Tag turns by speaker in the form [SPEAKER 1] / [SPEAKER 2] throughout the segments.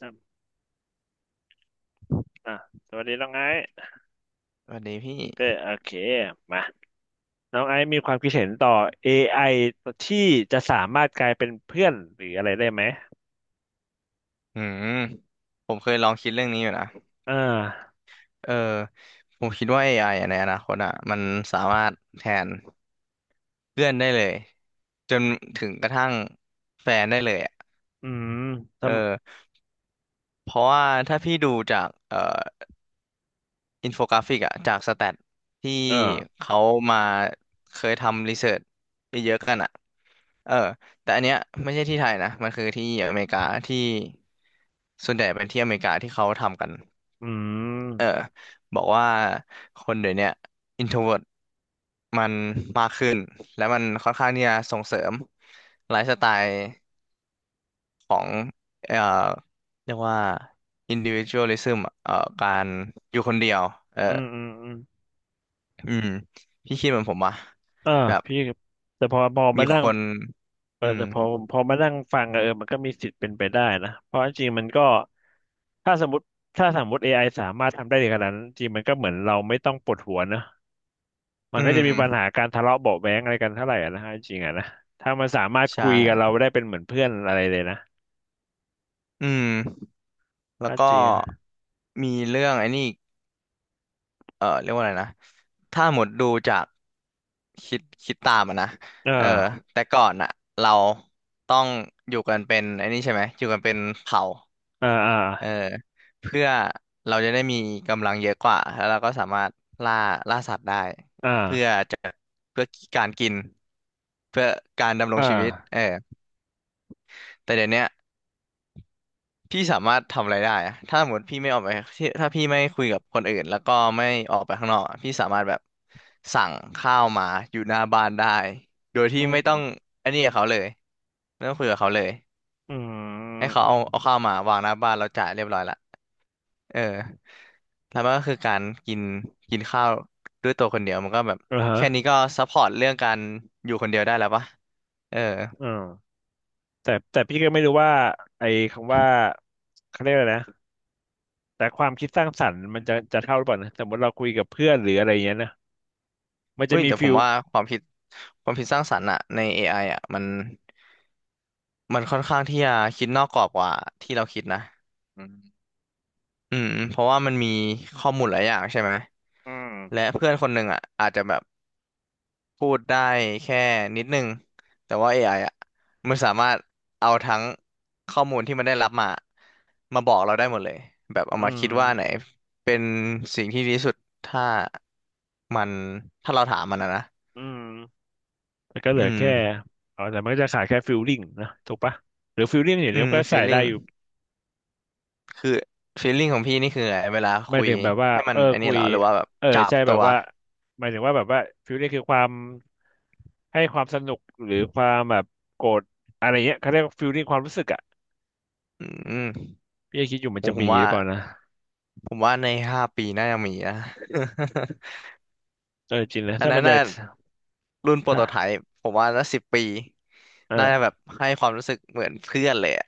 [SPEAKER 1] อ่ะอ่ะสวัสดีน้องไอซ์
[SPEAKER 2] สวัสดีพี่
[SPEAKER 1] โอเคมาน้องไอซ์มีความคิดเห็นต่อ AI ที่จะสามารถกลายเป็นเพื่อนหรืออะไรได้ไหม
[SPEAKER 2] อืมผมเคยลองคิดเรื่องนี้อยู่นะ
[SPEAKER 1] อ่า
[SPEAKER 2] เออผมคิดว่า AI อไออะในอนาคตอ่ะมันสามารถแทนเพื่อนได้เลยจนถึงกระทั่งแฟนได้เลยอ่ะ
[SPEAKER 1] อืมท
[SPEAKER 2] เออเพราะว่าถ้าพี่ดูจากอินโฟกราฟิกอะจากสแตทที่
[SPEAKER 1] ำเออ
[SPEAKER 2] เขามาเคยทำรีเสิร์ชไปเยอะกันอะเออแต่อันเนี้ยไม่ใช่ที่ไทยนะมันคือที่อเมริกาที่ส่วนใหญ่เป็นที่อเมริกาที่เขาทำกัน
[SPEAKER 1] อืม
[SPEAKER 2] เออบอกว่าคนเดี๋ยวเนี้ยอินโทรเวิร์มันมากขึ้นและมันค่อนข้างที่จะส่งเสริมไลฟ์สไตล์ของเอ่อเรียกว่า individualism อะการอยู่คนเดียวเออ
[SPEAKER 1] อืม
[SPEAKER 2] อืมพี่คิดเหมือนผมอ่ะ
[SPEAKER 1] อ่า
[SPEAKER 2] แบบ
[SPEAKER 1] พี่แต่พอพอ
[SPEAKER 2] มี
[SPEAKER 1] มานั่
[SPEAKER 2] ค
[SPEAKER 1] ง
[SPEAKER 2] นอืม
[SPEAKER 1] แต่พอพอมานั่งฟังอะมันก็มีสิทธิ์เป็นไปได้นะเพราะจริงๆมันก็ถ้าสมมติถ้าสมมติเอไอสามารถทำได้ถึงขนาดนั้นจริงๆมันก็เหมือนเราไม่ต้องปวดหัวนะ มั
[SPEAKER 2] อื
[SPEAKER 1] นก็จะมีปัญหา
[SPEAKER 2] ม
[SPEAKER 1] การทะเลาะเบาะแว้งอะไรกันเท่าไหร่อะนะฮะจริงๆอะนะถ้ามันสามารถ
[SPEAKER 2] ใช
[SPEAKER 1] คุยกับเรา
[SPEAKER 2] ่
[SPEAKER 1] ได้เป็นเหมือนเพื่อนอะไรเลยนะ
[SPEAKER 2] อืมแล้ว
[SPEAKER 1] ก็
[SPEAKER 2] ก็
[SPEAKER 1] จริงอะ
[SPEAKER 2] มีเรื่องไอ้นี่อีกเออเรียกว่าอะไรนะถ้าหมดดูจากคิดตามอะนะ
[SPEAKER 1] เออ
[SPEAKER 2] เออแต่ก่อนอะเราต้องอยู่กันเป็นไอ้นี่ใช่ไหมอยู่กันเป็นเผ่า
[SPEAKER 1] เอออ่า
[SPEAKER 2] เออเพื่อเราจะได้มีกำลังเยอะกว่าแล้วเราก็สามารถล่าล่าสัตว์ได้
[SPEAKER 1] อ่
[SPEAKER 2] เพื่อ
[SPEAKER 1] า
[SPEAKER 2] จะเพื่อการกินเพื่อการดำรง
[SPEAKER 1] อ่า
[SPEAKER 2] ชีวิตเออแต่เดี๋ยวเนี้ยพี่สามารถทำอะไรได้อะถ้าสมมติพี่ไม่ออกไปที่ถ้าพี่ไม่คุยกับคนอื่นแล้วก็ไม่ออกไปข้างนอกอะพี่สามารถแบบสั่งข้าวมาอยู่หน้าบ้านได้โดยที่
[SPEAKER 1] อื
[SPEAKER 2] ไม่ต้อง
[SPEAKER 1] ม
[SPEAKER 2] อันนี้กับเขาเลยไม่ต้องคุยกับเขาเลย
[SPEAKER 1] อืม
[SPEAKER 2] ให้เขา
[SPEAKER 1] อื
[SPEAKER 2] เอา
[SPEAKER 1] ม
[SPEAKER 2] เอาข้าวมาวางหน้าบ้านเราจ่ายเรียบร้อยละ เออแล้วมันก็คือการกินกินข้าวด้วยตัวคนเดียวมันก็แบบ
[SPEAKER 1] อ่า
[SPEAKER 2] แค่
[SPEAKER 1] ฮะ
[SPEAKER 2] นี้ก็ซัพพอร์ตเรื่องการอยู่คนเดียวได้แล้วปะเออ
[SPEAKER 1] อืมแต่พี่ก็ไม่รู้ว่าไอ้คำว่าเขาเรียกอะไรนะแต่ความคิดสร้างสรรค์มันจะจะเท่าหรือเปล่านะสมมติเราคุยกับเพื่อนหรืออะไรอย่างเงี้ยนะมันจะ
[SPEAKER 2] อุ้ย
[SPEAKER 1] มี
[SPEAKER 2] แต่ผ
[SPEAKER 1] ฟิ
[SPEAKER 2] ม
[SPEAKER 1] ล
[SPEAKER 2] ว่าความคิดความคิดสร้างสรรค์อะใน AI อไออะมันค่อนข้างที่จะคิดนอกกรอบกว่าที่เราคิดนะ
[SPEAKER 1] อืม
[SPEAKER 2] อืมเพราะว่ามันมีข้อมูลหลายอย่างใช่ไหม
[SPEAKER 1] อื
[SPEAKER 2] และ
[SPEAKER 1] ม
[SPEAKER 2] เพื่อนคนหนึ่งอะอาจจะแบบ พูดได้แค่นิดนึงแต่ว่าเ AI ออ่ะมันสามารถเอาทั้งข้อมูลที่มันได้รับมามาบอกเราได้หมดเลยแบบเอา
[SPEAKER 1] อื
[SPEAKER 2] มา
[SPEAKER 1] ม
[SPEAKER 2] คิดว่าไหนเป็นสิ่งที่ดีที่สุดถ้ามันถ้าเราถามมันนะนะ
[SPEAKER 1] อืม มันก็เหลือ
[SPEAKER 2] อืม
[SPEAKER 1] แค่แต่มันก็จะขาดแค่ฟิลลิ่งนะถูกปะหรือฟิลลิ่งอย่าง
[SPEAKER 2] อื
[SPEAKER 1] เนี้
[SPEAKER 2] ม
[SPEAKER 1] ก็ใส่ได้
[SPEAKER 2] feeling
[SPEAKER 1] อยู่
[SPEAKER 2] คือ feeling ของพี่นี่คือไงเวลา
[SPEAKER 1] ไม่
[SPEAKER 2] คุย
[SPEAKER 1] ถึงแบบว่า
[SPEAKER 2] ให้มันไอัน
[SPEAKER 1] คุ
[SPEAKER 2] นี้เห
[SPEAKER 1] ย
[SPEAKER 2] รอหรือว่าแบบ
[SPEAKER 1] เออ
[SPEAKER 2] จับ
[SPEAKER 1] ใช่แบ
[SPEAKER 2] ตั
[SPEAKER 1] บ
[SPEAKER 2] ว
[SPEAKER 1] ว่าหมายถึงว่าแบบว่าฟิลลิ่งคือความให้ความสนุกหรือความแบบโกรธอะไรเงี้ยเขาเรียกฟิลลิ่งความรู้สึกอ่ะ
[SPEAKER 2] อืม
[SPEAKER 1] พี่ก็คิดอยู่มั
[SPEAKER 2] ผ
[SPEAKER 1] น
[SPEAKER 2] ม
[SPEAKER 1] จะ
[SPEAKER 2] ผ
[SPEAKER 1] มี
[SPEAKER 2] ม
[SPEAKER 1] ห
[SPEAKER 2] ว่า
[SPEAKER 1] รือเปล่านะ
[SPEAKER 2] ผมว่าใน5 ปีน่าจะมีนะ
[SPEAKER 1] เออจริงนะ
[SPEAKER 2] อัน
[SPEAKER 1] ถ้ามั
[SPEAKER 2] นั้
[SPEAKER 1] น
[SPEAKER 2] น
[SPEAKER 1] จะ
[SPEAKER 2] น่ะรุ่นโปรโตไท
[SPEAKER 1] ถ้า
[SPEAKER 2] ป์ผมว่าน่า10 ปีน่าจะแบ
[SPEAKER 1] เออ
[SPEAKER 2] บให้ความรู้สึกเหมือนเพื่อนเลยอะ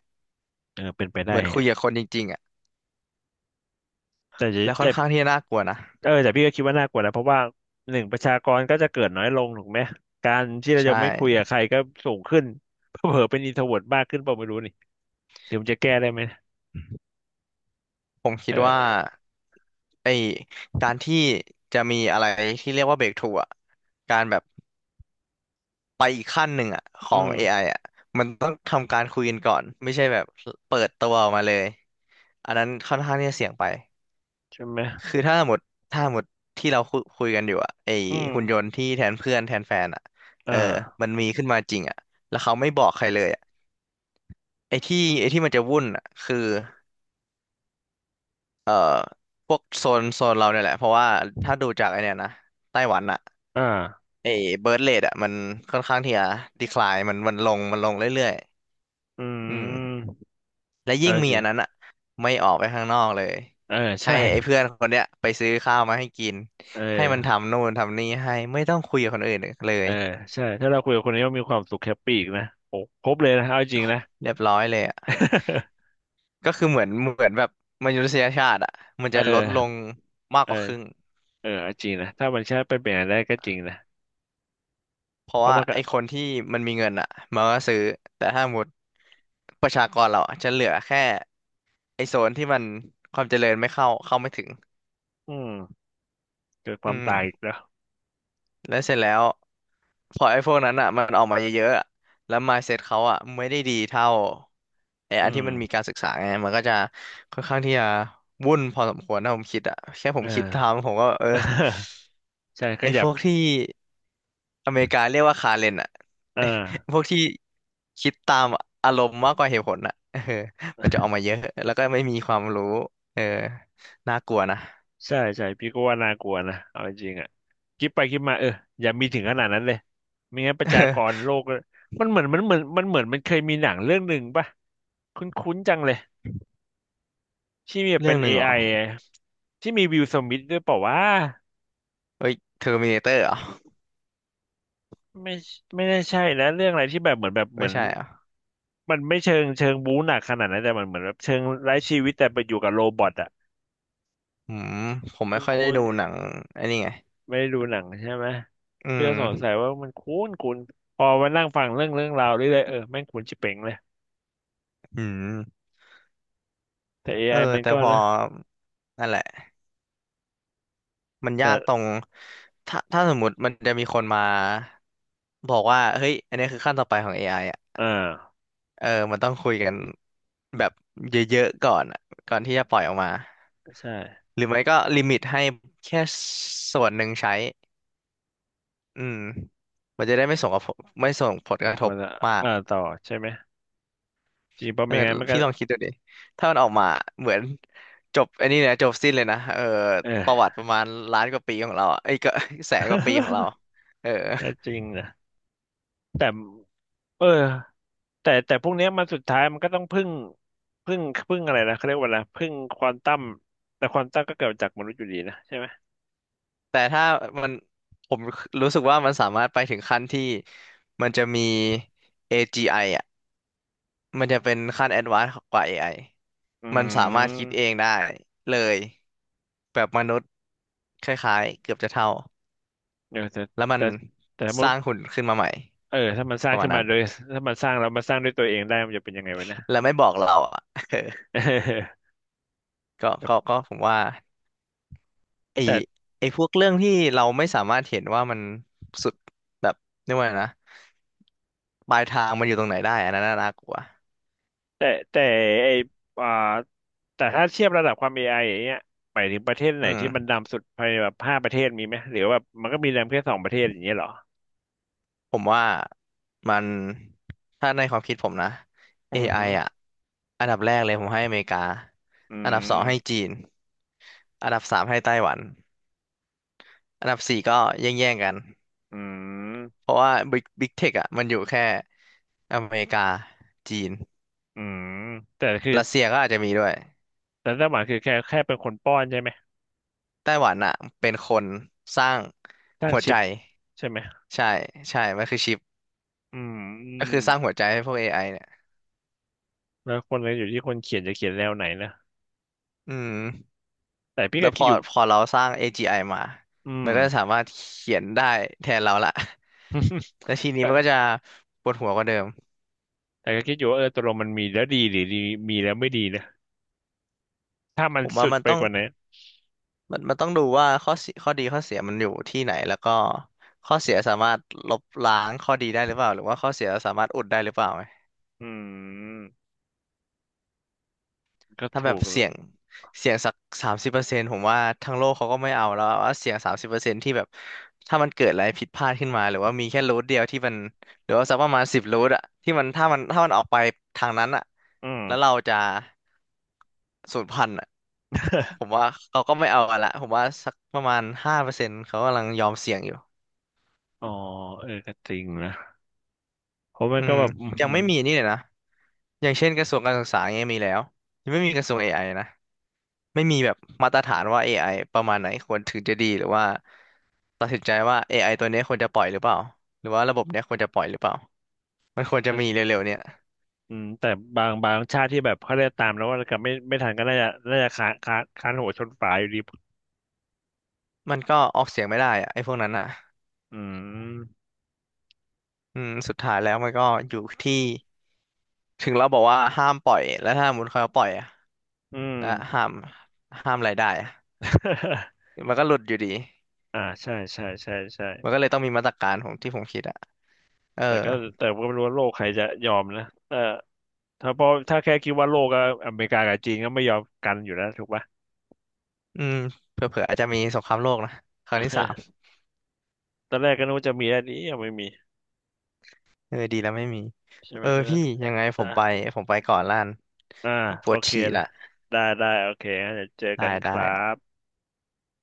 [SPEAKER 1] เออเป็นไปได้
[SPEAKER 2] เหมือนคุ
[SPEAKER 1] อะ
[SPEAKER 2] ยกับคนจริงๆอ่ะ
[SPEAKER 1] แต่จะ
[SPEAKER 2] แล้วค่อ
[SPEAKER 1] แต่
[SPEAKER 2] นข้างที่จะน่ากลัวนะ
[SPEAKER 1] เออแต่พี่ก็คิดว่าน่ากลัวนะเพราะว่าหนึ่งประชากรก็จะเกิดน้อยลงถูกไหมการที่เราจะ
[SPEAKER 2] ใช่
[SPEAKER 1] ไม่คุยกับใครก็สูงขึ้น เผลอๆเป็นอินโทรเวิร์ตมากขึ้นเปล่าไม่รู้นี่หรือมันจะแก้ได้ไหม
[SPEAKER 2] ผมคิ
[SPEAKER 1] เอ
[SPEAKER 2] ดว่า
[SPEAKER 1] อ
[SPEAKER 2] ไอการที่จะมีอะไรที่เรียกว่าเบรกทรูอ่ะการแบบไปอีกขั้นหนึ่งอ่ะข
[SPEAKER 1] อื
[SPEAKER 2] อง AI อ
[SPEAKER 1] ม
[SPEAKER 2] ไออ่ะมันต้องทำการคุยกันก่อนไม่ใช่แบบเปิดตัวออกมาเลยอันนั้นค่อนข้างที่จะเสี่ยงไป
[SPEAKER 1] ใช่ไหม
[SPEAKER 2] คือถ้าหมดถ้าหมดที่เราคุยกันอยู่อะไอ
[SPEAKER 1] อืม
[SPEAKER 2] หุ่นยนต์ที่แทนเพื่อนแทนแฟนอะ
[SPEAKER 1] อ
[SPEAKER 2] เออ
[SPEAKER 1] ่า
[SPEAKER 2] มันมีขึ้นมาจริงอะแล้วเขาไม่บอกใครเลยอะไอที่ไอที่มันจะวุ่นอะคือเออพวกโซนเราเนี่ยแหละเพราะว่าถ้าดูจากไอเนี่ยนะไต้หวันอะ
[SPEAKER 1] อ่า
[SPEAKER 2] ไอเบิร์ธเรทอะมันค่อนข้างที่จะดีคลายมันลงมันลงเรื่อย
[SPEAKER 1] อื
[SPEAKER 2] ๆอืม
[SPEAKER 1] ม
[SPEAKER 2] และ
[SPEAKER 1] เออ
[SPEAKER 2] ยิ่งมี
[SPEAKER 1] จริ
[SPEAKER 2] อั
[SPEAKER 1] ง
[SPEAKER 2] นนั้นอะไม่ออกไปข้างนอกเลย
[SPEAKER 1] เออ
[SPEAKER 2] ให้
[SPEAKER 1] ใช่
[SPEAKER 2] ไอ้เพื่อนคนเนี้ยไปซื้อข้าวมาให้กิน
[SPEAKER 1] เออ
[SPEAKER 2] ให้มันทำนู่นทำนี่ให้ไม่ต้องคุยกับคนอื่นเล
[SPEAKER 1] เอ
[SPEAKER 2] ย
[SPEAKER 1] อใช่ถ้าเราคุยกับคนนี้ว่ามีความสุขแฮปปี้อีกนะโอ้ครบเลยนะเอาจริงนะ
[SPEAKER 2] เรียบร้อยเลยอ่ะ ก็คือเหมือนเหมือนแบบมนุษยชาติอ่ะมัน
[SPEAKER 1] เอ
[SPEAKER 2] จะลด
[SPEAKER 1] อ
[SPEAKER 2] ลงมาก
[SPEAKER 1] เอ
[SPEAKER 2] ก
[SPEAKER 1] อ
[SPEAKER 2] ว่าครึ่ง
[SPEAKER 1] เออเอาจริงนะถ้ามันใช่ไปเป็นอย่างนั้นได้ก็จริงนะ
[SPEAKER 2] เพราะ
[SPEAKER 1] เพราะ
[SPEAKER 2] ว่า
[SPEAKER 1] มันก็
[SPEAKER 2] ไอ้คนที่มันมีเงินอ่ะมันก็ซื้อแต่ถ้าหมดประชากรเราอะจะเหลือแค่ไอ้โซนที่มันความเจริญไม่เข้าไม่ถึง
[SPEAKER 1] อืมเกิดค
[SPEAKER 2] อื
[SPEAKER 1] วามตายอีก
[SPEAKER 2] ม
[SPEAKER 1] แล้ว
[SPEAKER 2] แล้วเสร็จแล้วพอไอ้พวกนั้นอ่ะมันออกมาเยอะๆอะแล้ว mindset เขาอ่ะไม่ได้ดีเท่าไอ้
[SPEAKER 1] อื
[SPEAKER 2] อันที่มันมี
[SPEAKER 1] ม
[SPEAKER 2] การศึกษาไงมันก็จะค่อนข้างที่จะวุ่นพอสมควรนะผมคิดอ่ะแค่ผม
[SPEAKER 1] อ่
[SPEAKER 2] คิด
[SPEAKER 1] า
[SPEAKER 2] ทำผมก็เออ
[SPEAKER 1] ใช่ข
[SPEAKER 2] ไอ้พ
[SPEAKER 1] ยับ
[SPEAKER 2] วกที่อเมริกาเรียกว่าคาเรนอ่ะ
[SPEAKER 1] อ่
[SPEAKER 2] ไอ้
[SPEAKER 1] า
[SPEAKER 2] พวกที่คิดตามอารมณ์มากกว่าเหตุผลอ่ะเออมันจะออกมาเยอะแล้วก็ไม่มีความรู้เออน่ากลัวนะ
[SPEAKER 1] ใช่ใช่พี่ก็ว่าน่ากลัวนะเอาจริงๆอ่ะคิดไปคิดมาอย่ามีถึงขนาดนั้นเลยไม่งั้นประชากรโล กก็มันเหมือนมันเหมือนมันเหมือนมันเคยมีหนังเรื่องหนึ่งป่ะคุ้นๆจังเลยที่มีเป็
[SPEAKER 2] เรื่อง
[SPEAKER 1] น
[SPEAKER 2] ห
[SPEAKER 1] เอ
[SPEAKER 2] นึ่งเหรอ
[SPEAKER 1] i ออะที่มีวิลสมิธด้วยเปล่าว่า
[SPEAKER 2] เอ้ยเทอร์มิเนเตอร์เหรอ
[SPEAKER 1] ไม่ไม่ได้ใช่นะเรื่องอะไรที่แบบเหมือนแบบเหมื
[SPEAKER 2] ไม่
[SPEAKER 1] อน
[SPEAKER 2] ใช่เหรอ่ะ
[SPEAKER 1] มันไม่เชิงเชิงบู๊หนักขนาดนั้นแต่มันเหมือนแบบเชิงไร้ชีวิตแต่ไปอยู่กับโรบอทอ่ะ
[SPEAKER 2] อืมผม
[SPEAKER 1] ค
[SPEAKER 2] ไม่ค่อยได้
[SPEAKER 1] ุ้น
[SPEAKER 2] ดูหนังไอ้นี่ไง
[SPEAKER 1] ๆไม่ได้ดูหนังใช่ไหม
[SPEAKER 2] อื
[SPEAKER 1] เปีย
[SPEAKER 2] ม
[SPEAKER 1] สอนสายว่ามันคุ้นคุ้นพอมานั่งฟังเรื่องเรื่องราวเรื่อยๆเออแม่งคุ้นชิบเป่งเลย
[SPEAKER 2] อืม
[SPEAKER 1] แต่
[SPEAKER 2] เอ
[SPEAKER 1] AI
[SPEAKER 2] อ
[SPEAKER 1] มัน
[SPEAKER 2] แต่
[SPEAKER 1] ก็
[SPEAKER 2] พอ
[SPEAKER 1] นะ
[SPEAKER 2] นั่นแหละมัน
[SPEAKER 1] แต่
[SPEAKER 2] ยากตรงถ้าถ้าสมมุติมันจะมีคนมาบอกว่า เฮ้ย อันนี้คือขั้นต่อไปของ AI อไออ่ะ
[SPEAKER 1] อ่า
[SPEAKER 2] เออมันต้องคุยกันแบบเยอะๆก่อนอะก่อนที่จะปล่อยออกมา
[SPEAKER 1] ใช่
[SPEAKER 2] หรือไม่ก็ลิมิตให้แค่ส่วนหนึ่งใช้อืมมันจะได้ไม่ส่งกระทบไม่ส่งผลก
[SPEAKER 1] บาง
[SPEAKER 2] ระท
[SPEAKER 1] ค
[SPEAKER 2] บ
[SPEAKER 1] นอะ
[SPEAKER 2] มาก
[SPEAKER 1] ต่อใช่ไหมจริงเพราะ
[SPEAKER 2] เออ
[SPEAKER 1] ไม่งั้นมันก็
[SPEAKER 2] พี่ลองคิดดูดิถ้ามันออกมาเหมือนจบไอันนี้เนี่ยจบสิ้นเลยนะเออ
[SPEAKER 1] เอ
[SPEAKER 2] ประวัติป
[SPEAKER 1] อ
[SPEAKER 2] ระมาณล้านกว่าปีของเราอะเอ้ยก็ แสนกว่าปีของเรา เออ
[SPEAKER 1] น่าจริงนะแต่เออแต่พวกเนี้ยมันสุดท้ายมันก็ต้องพึ่งพึ่งพึ่งอะไรนะเขาเรียกว่าอะไรพึ่งควอนตัมแต่ควอนตัมก็เกิดจากมนุษย์อยู่ดีนะใช่ไหม
[SPEAKER 2] แต่ถ้ามันผมรู้สึกว่ามันสามารถไปถึงขั้นที่มันจะมี AGI อจีไออ่ะมันจะเป็นขั้นแอดวานซ์กว่า AI
[SPEAKER 1] อื
[SPEAKER 2] มันสามารถคิดเอง
[SPEAKER 1] ม
[SPEAKER 2] ได้เลยแบบมนุษย์คล้ายๆเกือบจะเท่า
[SPEAKER 1] เออแต่
[SPEAKER 2] แล้วมัน
[SPEAKER 1] แต่สมม
[SPEAKER 2] สร้า
[SPEAKER 1] ติ
[SPEAKER 2] งหุ่นขึ้นมาใหม่
[SPEAKER 1] ถ้ามันสร้า
[SPEAKER 2] ป
[SPEAKER 1] ง
[SPEAKER 2] ระมา
[SPEAKER 1] ขึ้
[SPEAKER 2] ณ
[SPEAKER 1] นมา
[SPEAKER 2] นั้น
[SPEAKER 1] โดยถ้ามันสร้างแล้วมาสร้างด้วยตัวเองได้มันจะเป็นยังไงวะเนย
[SPEAKER 2] แล้วไม่บอกเราอ่ะ เออ
[SPEAKER 1] เอ
[SPEAKER 2] ก็ก็
[SPEAKER 1] อ
[SPEAKER 2] ก็ผมว่า ไอ
[SPEAKER 1] แต่
[SPEAKER 2] ไอพวกเรื่องที่เราไม่สามารถเห็นว่ามันสุดแบบเรียกว่าไงนะปลายทางมันอยู่ตรงไหนได้อันนั้นน่ากลัว
[SPEAKER 1] แต่แต่ไออ่าแต่ถ้าเทียบระดับความ AI อไออย่างเงี้ยไปถึงประเทศไหน
[SPEAKER 2] อื
[SPEAKER 1] ที่มัน
[SPEAKER 2] ม
[SPEAKER 1] ดำสุดภายในแบบห้าประเทศมีไหมหรือว่ามันก็มีดำแค่สองประเทศอย่างเงี้ยเหรอ
[SPEAKER 2] ผมว่ามันถ้าในความคิดผมนะ
[SPEAKER 1] อื
[SPEAKER 2] AI อไออ่ะ
[SPEAKER 1] ม
[SPEAKER 2] อันดับแรกเลยผมให้อเมริกา
[SPEAKER 1] อื
[SPEAKER 2] อันดับสองให้
[SPEAKER 1] ม
[SPEAKER 2] จีนอันดับสามให้ไต้หวันอันดับสี่ก็แย่งๆกัน
[SPEAKER 1] อื
[SPEAKER 2] เพ
[SPEAKER 1] ม
[SPEAKER 2] ราะว่าบิ๊กเทคอ่ะมันอยู่แค่อเมริกาจีน
[SPEAKER 1] อืมแต่คือ
[SPEAKER 2] รัสเซียก็อาจจะมีด้วย
[SPEAKER 1] แต่ไต้าหวานคือแค่แค่เป็นคนป้อนใช่ไหม
[SPEAKER 2] ไต้หวันอ่ะเป็นคนสร้าง
[SPEAKER 1] สร้าง
[SPEAKER 2] หัว
[SPEAKER 1] ชิ
[SPEAKER 2] ใจ
[SPEAKER 1] ปใช่ไหม
[SPEAKER 2] ใช่ใช่มันคือชิป
[SPEAKER 1] อื
[SPEAKER 2] ก็
[SPEAKER 1] ม
[SPEAKER 2] คือสร้างหัวใจให้พวก AI เนี่ย
[SPEAKER 1] แล้วคนก็อยู่ที่คนเขียนจะเขียนแนวไหนนะ
[SPEAKER 2] อืม
[SPEAKER 1] แต่พี่
[SPEAKER 2] แล้
[SPEAKER 1] ก็
[SPEAKER 2] วพ
[SPEAKER 1] คิด
[SPEAKER 2] อ
[SPEAKER 1] อยู่
[SPEAKER 2] พอเราสร้าง AGI มา
[SPEAKER 1] อื
[SPEAKER 2] มั
[SPEAKER 1] ม
[SPEAKER 2] นก็จะสามารถเขียนได้แทนเราละ แล้วที นี้มันก็
[SPEAKER 1] แต่
[SPEAKER 2] จะปวดหัวกว่าเดิม
[SPEAKER 1] ก็คิดอยู่ว่าเออตกลงมันมีแล้วดีหรือดีมีแล้วไม่ดีนะถ้ามั
[SPEAKER 2] ผ
[SPEAKER 1] น
[SPEAKER 2] มว่า
[SPEAKER 1] สุด
[SPEAKER 2] มัน
[SPEAKER 1] ไป
[SPEAKER 2] ต้อง
[SPEAKER 1] กว่าไหน
[SPEAKER 2] มันต้องดูว่าข้อเสียข้อดีข้อเสียมันอยู่ที่ไหนแล้วก็ข้อเสียสามารถลบล้างข้อดีได้หรือเปล่าหรือว่าข้อเสียสามารถอุดได้หรือเปล่า
[SPEAKER 1] อืมก็
[SPEAKER 2] ถ้าแบ
[SPEAKER 1] ถู
[SPEAKER 2] บ
[SPEAKER 1] ก
[SPEAKER 2] เสี
[SPEAKER 1] ละ
[SPEAKER 2] ยงเสียงสักสามสิบเปอร์เซ็นต์ผมว่าทั้งโลกเขาก็ไม่เอาแล้วว่าเสียงสามสิบเปอร์เซ็นต์ที่แบบถ้ามันเกิดอะไรผิดพลาดขึ้นมาหรือว่ามีแค่รูทเดียวที่มันหรือว่าสักประมาณสิบรูทอะที่มันถ้ามันออกไปทางนั้นอะ
[SPEAKER 1] อืม
[SPEAKER 2] แล้วเราจะสูญพันธุ์อะผม ว่าเขาก็ไม่เอากันละผมว่าสักประมาณ5%เขากำลังยอมเสี่ยงอยู่
[SPEAKER 1] อ๋อเออก็จริงนะเพราะมั
[SPEAKER 2] อื
[SPEAKER 1] นก็
[SPEAKER 2] ม
[SPEAKER 1] แบบอื
[SPEAKER 2] ยังไม่
[SPEAKER 1] ม
[SPEAKER 2] มีนี่เลยนะอย่างเช่นกระทรวงการศึกษาเงี้ยมีแล้วยังไม่มีกระทรวงเอไอนะ ไม่มีแบบมาตรฐานว่า AI ประมาณไหนควรถึงจะดีหรือว่าตัดสินใจว่าเอไอตัวเนี้ยควรจะปล่อยหรือเปล่าหรือว่าระบบเนี้ยควรจะปล่อยหรือเปล่ามันควรจะมีเร็วๆเนี่ย
[SPEAKER 1] แต่บางบางชาติที่แบบเขาได้ตามแล้วว่ากับไม่ไม่ทันก็น่าจะน่าจะค้านค้านค้านหัวชนฝาอยู่ดี
[SPEAKER 2] มันก็ออกเสียงไม่ได้อะไอ้พวกนั้นอ่ะ
[SPEAKER 1] อืม
[SPEAKER 2] อืมสุดท้ายแล้วมันก็อยู่ที่ถึงเราบอกว่าห้ามปล่อยแล้วถ้ามุนเขาปล่อยอะ
[SPEAKER 1] อืม
[SPEAKER 2] และห้ามห้ามรายได้อะ มันก็หลุดอยู่ดี
[SPEAKER 1] อ่าใช่ใช่ใช่ใช่
[SPEAKER 2] มันก็เลยต้องมีมาตรการของที่ผมคิดอ่ะเออ
[SPEAKER 1] แต่ก็แต่ก็ไม่รู้ว่าโลกใครจะยอมนะเออถ้าพอถ้าแค่คิดว่าโลกก็อเมริกากับจีนก็ไม่ยอมกันอยู่แล้วถูกปะ
[SPEAKER 2] อืมเผื่อๆอาจจะมีสงครามโลกนะครั้งที่ 3
[SPEAKER 1] ตอนแรกก็นึกว่าจะมีอันนี้ยังไม่มี
[SPEAKER 2] เออดีแล้วไม่มี
[SPEAKER 1] ใช่ไหม
[SPEAKER 2] เออ
[SPEAKER 1] ใช่ไหม
[SPEAKER 2] พี่ยังไงผมไปก่อนล้าน
[SPEAKER 1] อ่า
[SPEAKER 2] ป
[SPEAKER 1] โอ
[SPEAKER 2] วด
[SPEAKER 1] เค
[SPEAKER 2] ฉี่ละ
[SPEAKER 1] นะได้ได้โอเคงั้นเดี๋ยวเจอ
[SPEAKER 2] ได้
[SPEAKER 1] กันค
[SPEAKER 2] ได้
[SPEAKER 1] รับ